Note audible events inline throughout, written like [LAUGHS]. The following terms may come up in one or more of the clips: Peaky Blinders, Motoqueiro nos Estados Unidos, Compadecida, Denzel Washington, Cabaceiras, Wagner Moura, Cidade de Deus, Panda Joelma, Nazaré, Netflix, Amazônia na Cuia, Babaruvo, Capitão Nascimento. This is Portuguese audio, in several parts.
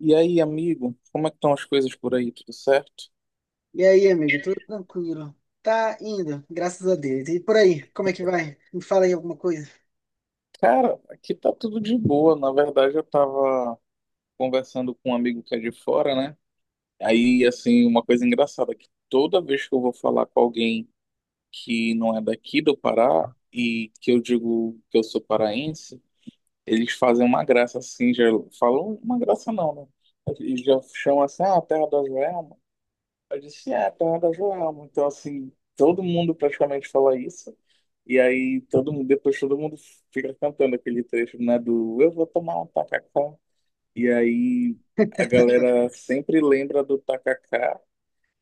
E aí, amigo, como é que estão as coisas por aí? Tudo certo? E aí, amigo, tudo tranquilo? Tá indo, graças a Deus. E por aí, como é que vai? Me fala aí alguma coisa. Cara, aqui tá tudo de boa. Na verdade, eu tava conversando com um amigo que é de fora, né? Aí, assim, uma coisa engraçada, é que toda vez que eu vou falar com alguém que não é daqui do Pará e que eu digo que eu sou paraense, eles fazem uma graça assim, já falam uma graça não, né? Eles já chamam assim, ah, terra da Joelma. Eu disse, é, Panda Joelma. Então, assim, todo mundo praticamente fala isso. E aí, todo mundo, depois todo mundo fica cantando aquele trecho, né, do Eu vou tomar um tacacá. E aí, a galera sempre lembra do tacacá.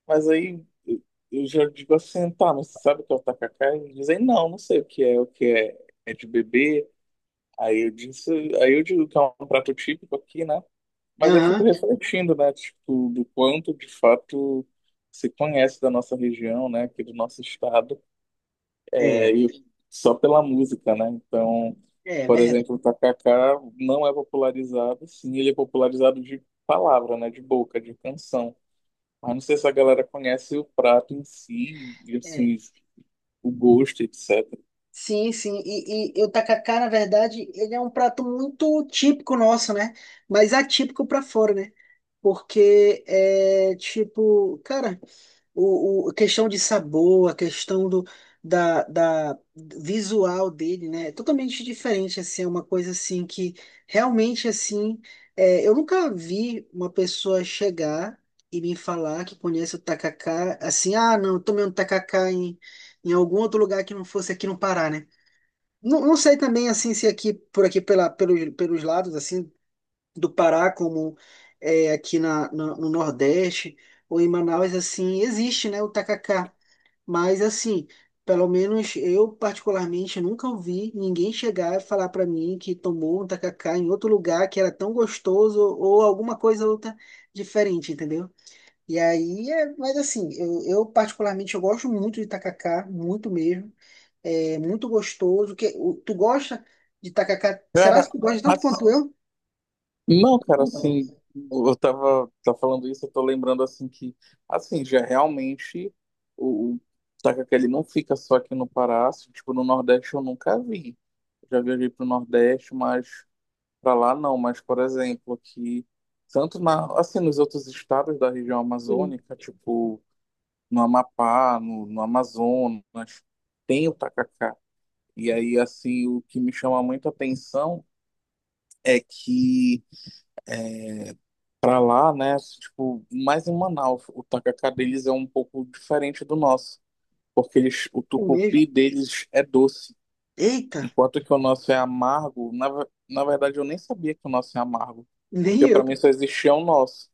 Mas aí, eu já digo assim, tá, mas você sabe o que é o tacacá? E eles dizem, não, não sei o que é, é de bebê. Aí eu disse, aí eu digo que é um prato típico aqui, né? Mas eu fico Aham, refletindo, né, tipo, do quanto de fato se conhece da nossa região, né, aqui do nosso estado, é, é, e só pela música, né? Então, é por verdade. exemplo, o tacacá não é popularizado, sim, ele é popularizado de palavra, né, de boca, de canção. Mas não sei se a galera conhece o prato em si, e É. assim, o gosto, etc. Sim, sim. E o tacacá, na verdade, ele é um prato muito típico nosso, né? Mas atípico pra fora, né? Porque é tipo, cara. A questão de sabor, a questão da visual dele, né? É totalmente diferente, assim, é uma coisa assim que realmente assim, é, eu nunca vi uma pessoa chegar e me falar que conhece o tacacá, assim, ah, não, eu tomei um tacacá em algum outro lugar que não fosse aqui no Pará, né? Não, não sei também assim se é aqui por aqui pelos lados assim do Pará, como é, aqui no Nordeste ou em Manaus, assim, existe, né, o tacacá. Mas, assim, pelo menos eu, particularmente, nunca ouvi ninguém chegar e falar para mim que tomou um tacacá em outro lugar que era tão gostoso ou alguma coisa outra diferente, entendeu? E aí, é, mas assim, particularmente eu gosto muito de tacacá, muito mesmo. É muito gostoso. Que, o- tu gosta de tacacá? Será que tu Cara, gosta tanto quanto eu? não, cara, assim, eu tava, tá falando isso, eu tô lembrando assim que, assim, já realmente o tacacá, ele não fica só aqui no Pará, assim, tipo, no Nordeste eu nunca vi. Já viajei pro Nordeste, mas pra lá não, mas, por exemplo, aqui, tanto na, assim, nos outros estados da região Sim. amazônica, tipo, no Amapá, no Amazonas, tem o tacacá. E aí, assim, o que me chama muito a atenção é que pra lá, né? Tipo, mais em Manaus, o tacacá deles é um pouco diferente do nosso, porque eles, o O tucupi mesmo. deles é doce, Eita, enquanto que o nosso é amargo. Na verdade, eu nem sabia que o nosso é amargo, nem porque pra eu. mim só existia o nosso.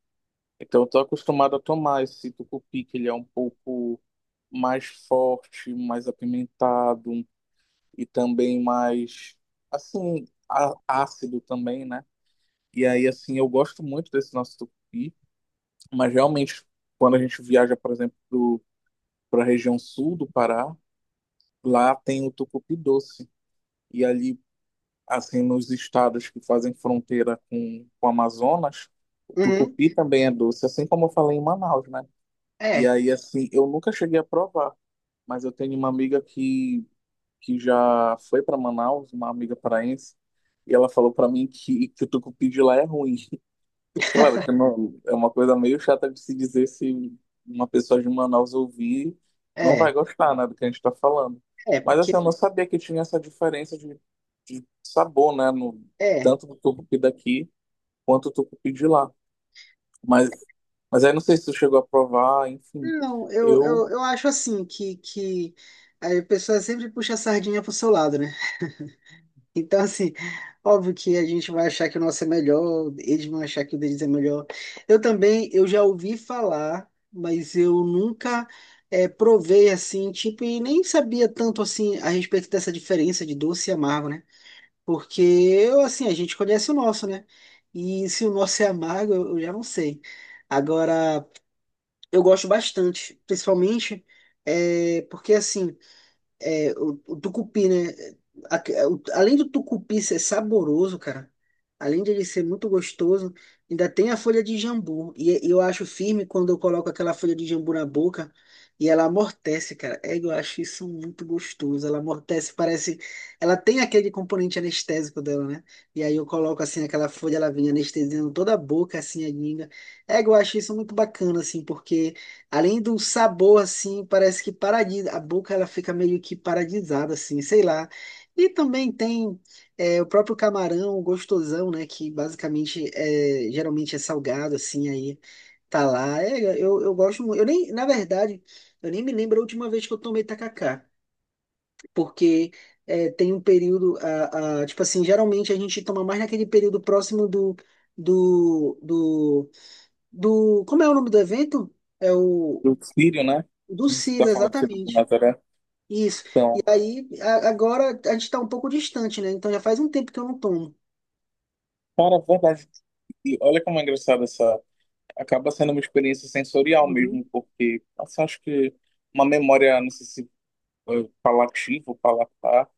Então, eu tô acostumado a tomar esse tucupi, que ele é um pouco mais forte, mais apimentado e também mais, assim, ácido também, né? E aí, assim, eu gosto muito desse nosso tucupi. Mas realmente, quando a gente viaja, por exemplo, para a região sul do Pará, lá tem o tucupi doce. E ali, assim, nos estados que fazem fronteira com o Amazonas, o Uhum. tucupi também é doce, assim como eu falei em Manaus, né? E É, aí, assim, eu nunca cheguei a provar, mas eu tenho uma amiga que já foi para Manaus, uma amiga paraense, e ela falou para mim que o tucupi de lá é ruim. Claro que não, é uma coisa meio chata de se dizer se uma pessoa de Manaus ouvir não vai é, gostar, né, do que a gente está falando. é, Mas assim, porque eu não sabia que tinha essa diferença de sabor, né, no, é. tanto do tucupi daqui quanto do tucupi de lá. Mas, mas aí não sei se tu chegou a provar, enfim. Não, eu, Eu, eu, eu acho assim que a pessoa sempre puxa a sardinha pro seu lado, né? Então, assim, óbvio que a gente vai achar que o nosso é melhor, eles vão achar que o deles é melhor. Eu também, eu já ouvi falar, mas eu nunca provei assim, tipo, e nem sabia tanto assim a respeito dessa diferença de doce e amargo, né? Porque, assim, a gente conhece o nosso, né? E se o nosso é amargo, eu já não sei. Agora, eu gosto bastante, principalmente é, porque, assim, é, o tucupi, né? Além do tucupi ser saboroso, cara, além de ele ser muito gostoso, ainda tem a folha de jambu. E eu acho firme quando eu coloco aquela folha de jambu na boca e ela amortece, cara. É, eu acho isso muito gostoso. Ela amortece, parece. Ela tem aquele componente anestésico dela, né? E aí eu coloco assim aquela folha, ela vem anestesiando toda a boca, assim, a língua. É, eu acho isso muito bacana, assim, porque. Além do sabor, assim, parece que paradis, a boca ela fica meio que paradisada, assim, sei lá. E também tem é, o próprio camarão gostosão, né? Que basicamente é, geralmente é salgado, assim, aí tá lá. É, eu gosto muito. Eu nem, na verdade, eu nem me lembro a última vez que eu tomei tacacá, porque é, tem um período, tipo assim, geralmente a gente toma mais naquele período próximo do, do, do como é o nome do evento? É o eu sírio, né, do você Ciro, está falando que é do exatamente. Nazaré. Isso. E Então, aí, agora a gente tá um pouco distante, né? Então já faz um tempo que eu não tomo. cara, é verdade, e olha como é engraçado essa. Acaba sendo uma experiência sensorial Uhum. mesmo, porque assim, acho que uma memória, não sei se palativa ou palatar,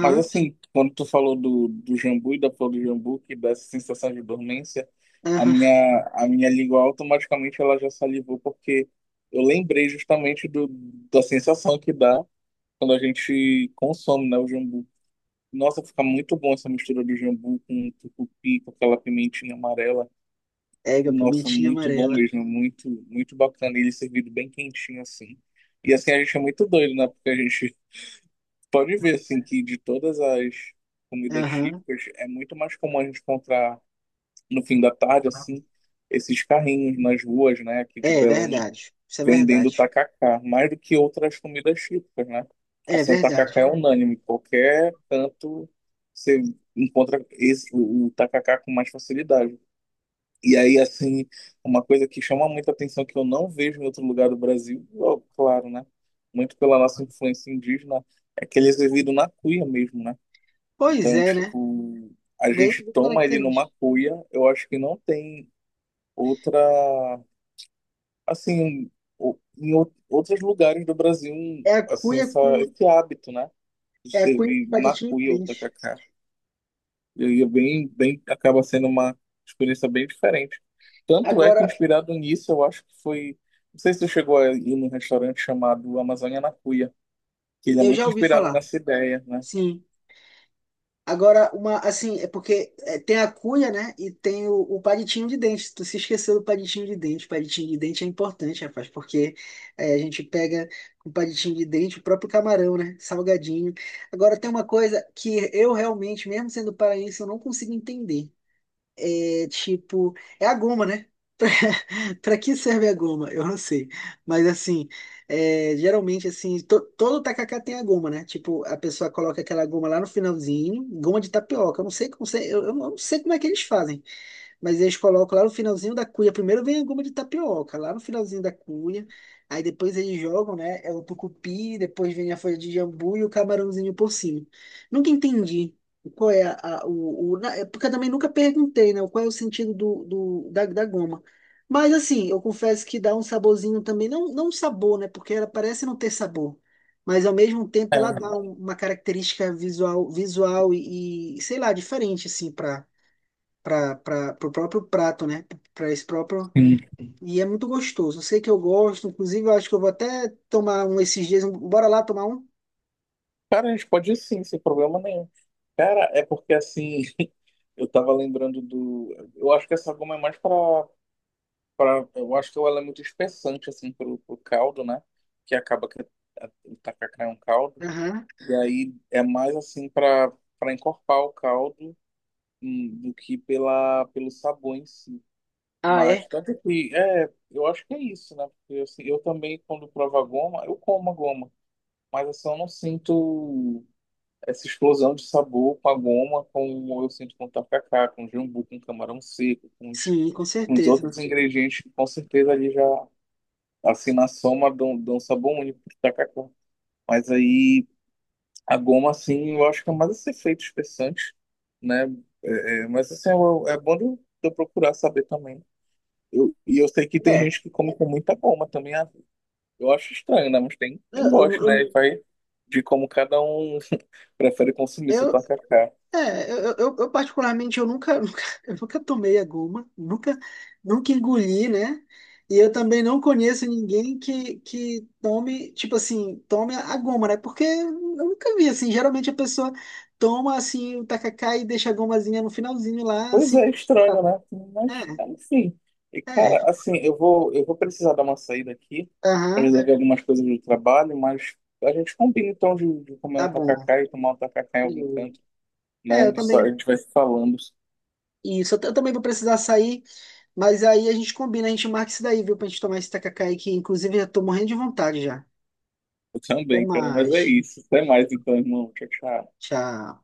mas assim, quando tu falou do jambu e da flor do jambu, que dá essa sensação de dormência, a minha, Aham. a minha língua automaticamente ela já salivou, porque eu lembrei justamente do, da sensação que dá quando a gente consome, né, o jambu. Nossa, fica muito bom essa mistura do jambu com tucupi, com aquela pimentinha amarela. É, a Nossa, pimentinha muito bom amarela. mesmo, muito, muito bacana. E ele servido bem quentinho assim. E assim, a gente é muito doido, né? Porque a gente [LAUGHS] pode ver assim que de todas as comidas Aham. típicas, é muito mais comum a gente encontrar no fim da tarde, assim, esses carrinhos nas ruas, né, aqui de É, Belém, verdade. Isso é vendendo verdade. tacacá, mais do que outras comidas típicas, né? É Assim, o verdade. tacacá é unânime, qualquer canto você encontra esse, o tacacá com mais facilidade. E aí, assim, uma coisa que chama muita atenção que eu não vejo em outro lugar do Brasil, ó, claro, né? Muito pela nossa influência indígena, é que eles viviam na cuia mesmo, né? Pois Então, é, né? tipo, a Bem gente toma ele numa característico. cuia, eu acho que não tem outra, assim, em outros lugares do Brasil, É a assim, cuia essa, com, esse hábito, né? De É a cuia com servir na palitinho de cuia o dente. tacacá. E aí é bem, bem, acaba sendo uma experiência bem diferente. Tanto é Agora, que, inspirado nisso, eu acho que foi. Não sei se você chegou a ir num restaurante chamado Amazônia na Cuia, que ele é eu já muito ouvi inspirado falar. nessa ideia, né? Sim. Agora, uma, assim, é porque é, tem a cuia, né? E tem o palitinho de dente. Tu se esqueceu do palitinho de dente. O palitinho de dente é importante, rapaz, porque é, a gente pega com o palitinho de dente o próprio camarão, né? Salgadinho. Agora, tem uma coisa que eu realmente, mesmo sendo paraense, eu não consigo entender. É tipo, é a goma, né? [LAUGHS] Pra, pra que serve a goma? Eu não sei. Mas assim, é, geralmente assim, todo tacacá tem a goma, né? Tipo, a pessoa coloca aquela goma lá no finalzinho, goma de tapioca. Eu não sei como, eu não sei como é que eles fazem. Mas eles colocam lá no finalzinho da cuia. Primeiro vem a goma de tapioca, lá no finalzinho da cuia. Aí depois eles jogam, né? É o tucupi, depois vem a folha de jambu e o camarãozinho por cima. Nunca entendi qual é a, porque eu também nunca perguntei, né? Qual é o sentido da goma. Mas assim, eu confesso que dá um saborzinho também. Não, não um sabor, né? Porque ela parece não ter sabor. Mas ao mesmo tempo ela dá É, um- uma característica visual, sei lá, diferente, assim, para o próprio prato, né? Para esse próprio. sim. E é muito gostoso. Eu sei que eu gosto, inclusive eu acho que eu vou até tomar um esses dias. Bora lá tomar um? Cara, a gente pode ir sim, sem problema nenhum. Cara, é porque assim, [LAUGHS] eu tava lembrando do. Eu acho que essa goma é mais pra. Pra eu acho que ela é muito espessante, assim, pro, pro caldo, né? Que acaba que o tacacá é um caldo. Aham. E aí é mais assim para para encorpar o caldo do que pela pelo sabor em si. Ah, Mas é? tanto que é, eu acho que é isso, né? Porque assim, eu também quando provo a goma, eu como a goma, mas assim, eu não sinto essa explosão de sabor com a goma, como eu sinto com o tacacá, com o jambu, com o camarão seco, Sim, com com os certeza. outros ingredientes que com certeza ali já assim na soma dão, dão sabor único pro tacacá. Mas aí a goma, assim, eu acho que é mais esse efeito espessante, né? É, é, mas, assim, é bom de eu procurar saber também. Eu, e eu sei que tem É. gente que come com muita goma também. Ah, eu acho estranho, né? Mas tem Eu, quem gosta, eu, né? E vai de como cada um [LAUGHS] prefere consumir seu eu, tacacá. Particularmente eu nunca, [LAUGHS] nunca, eu nunca tomei a goma, nunca, nunca engoli, né? E eu também não conheço ninguém que tome, tipo assim, tome a goma, né? Porque eu nunca vi, assim, geralmente a pessoa toma, assim, o tacacá e deixa a gomazinha no finalzinho lá, Pois assim. é, estranho, tá- né? Mas, É, enfim. E, é, cara, assim, eu vou precisar dar uma saída aqui para aham, resolver algumas coisas do trabalho, mas a gente combina, então, de comer tá um bom. tacacá e tomar um tacacá em algum Beleza. canto. Né? A É, eu gente só a também, gente vai se falando. isso, eu, eu também vou precisar sair, mas aí a gente combina, a gente marca isso daí, viu, pra gente tomar esse tacacá aí, que inclusive eu tô morrendo de vontade já. Eu Até também, cara, mas é mais. isso. Até mais então, irmão. Tchau, tchau. Tchau.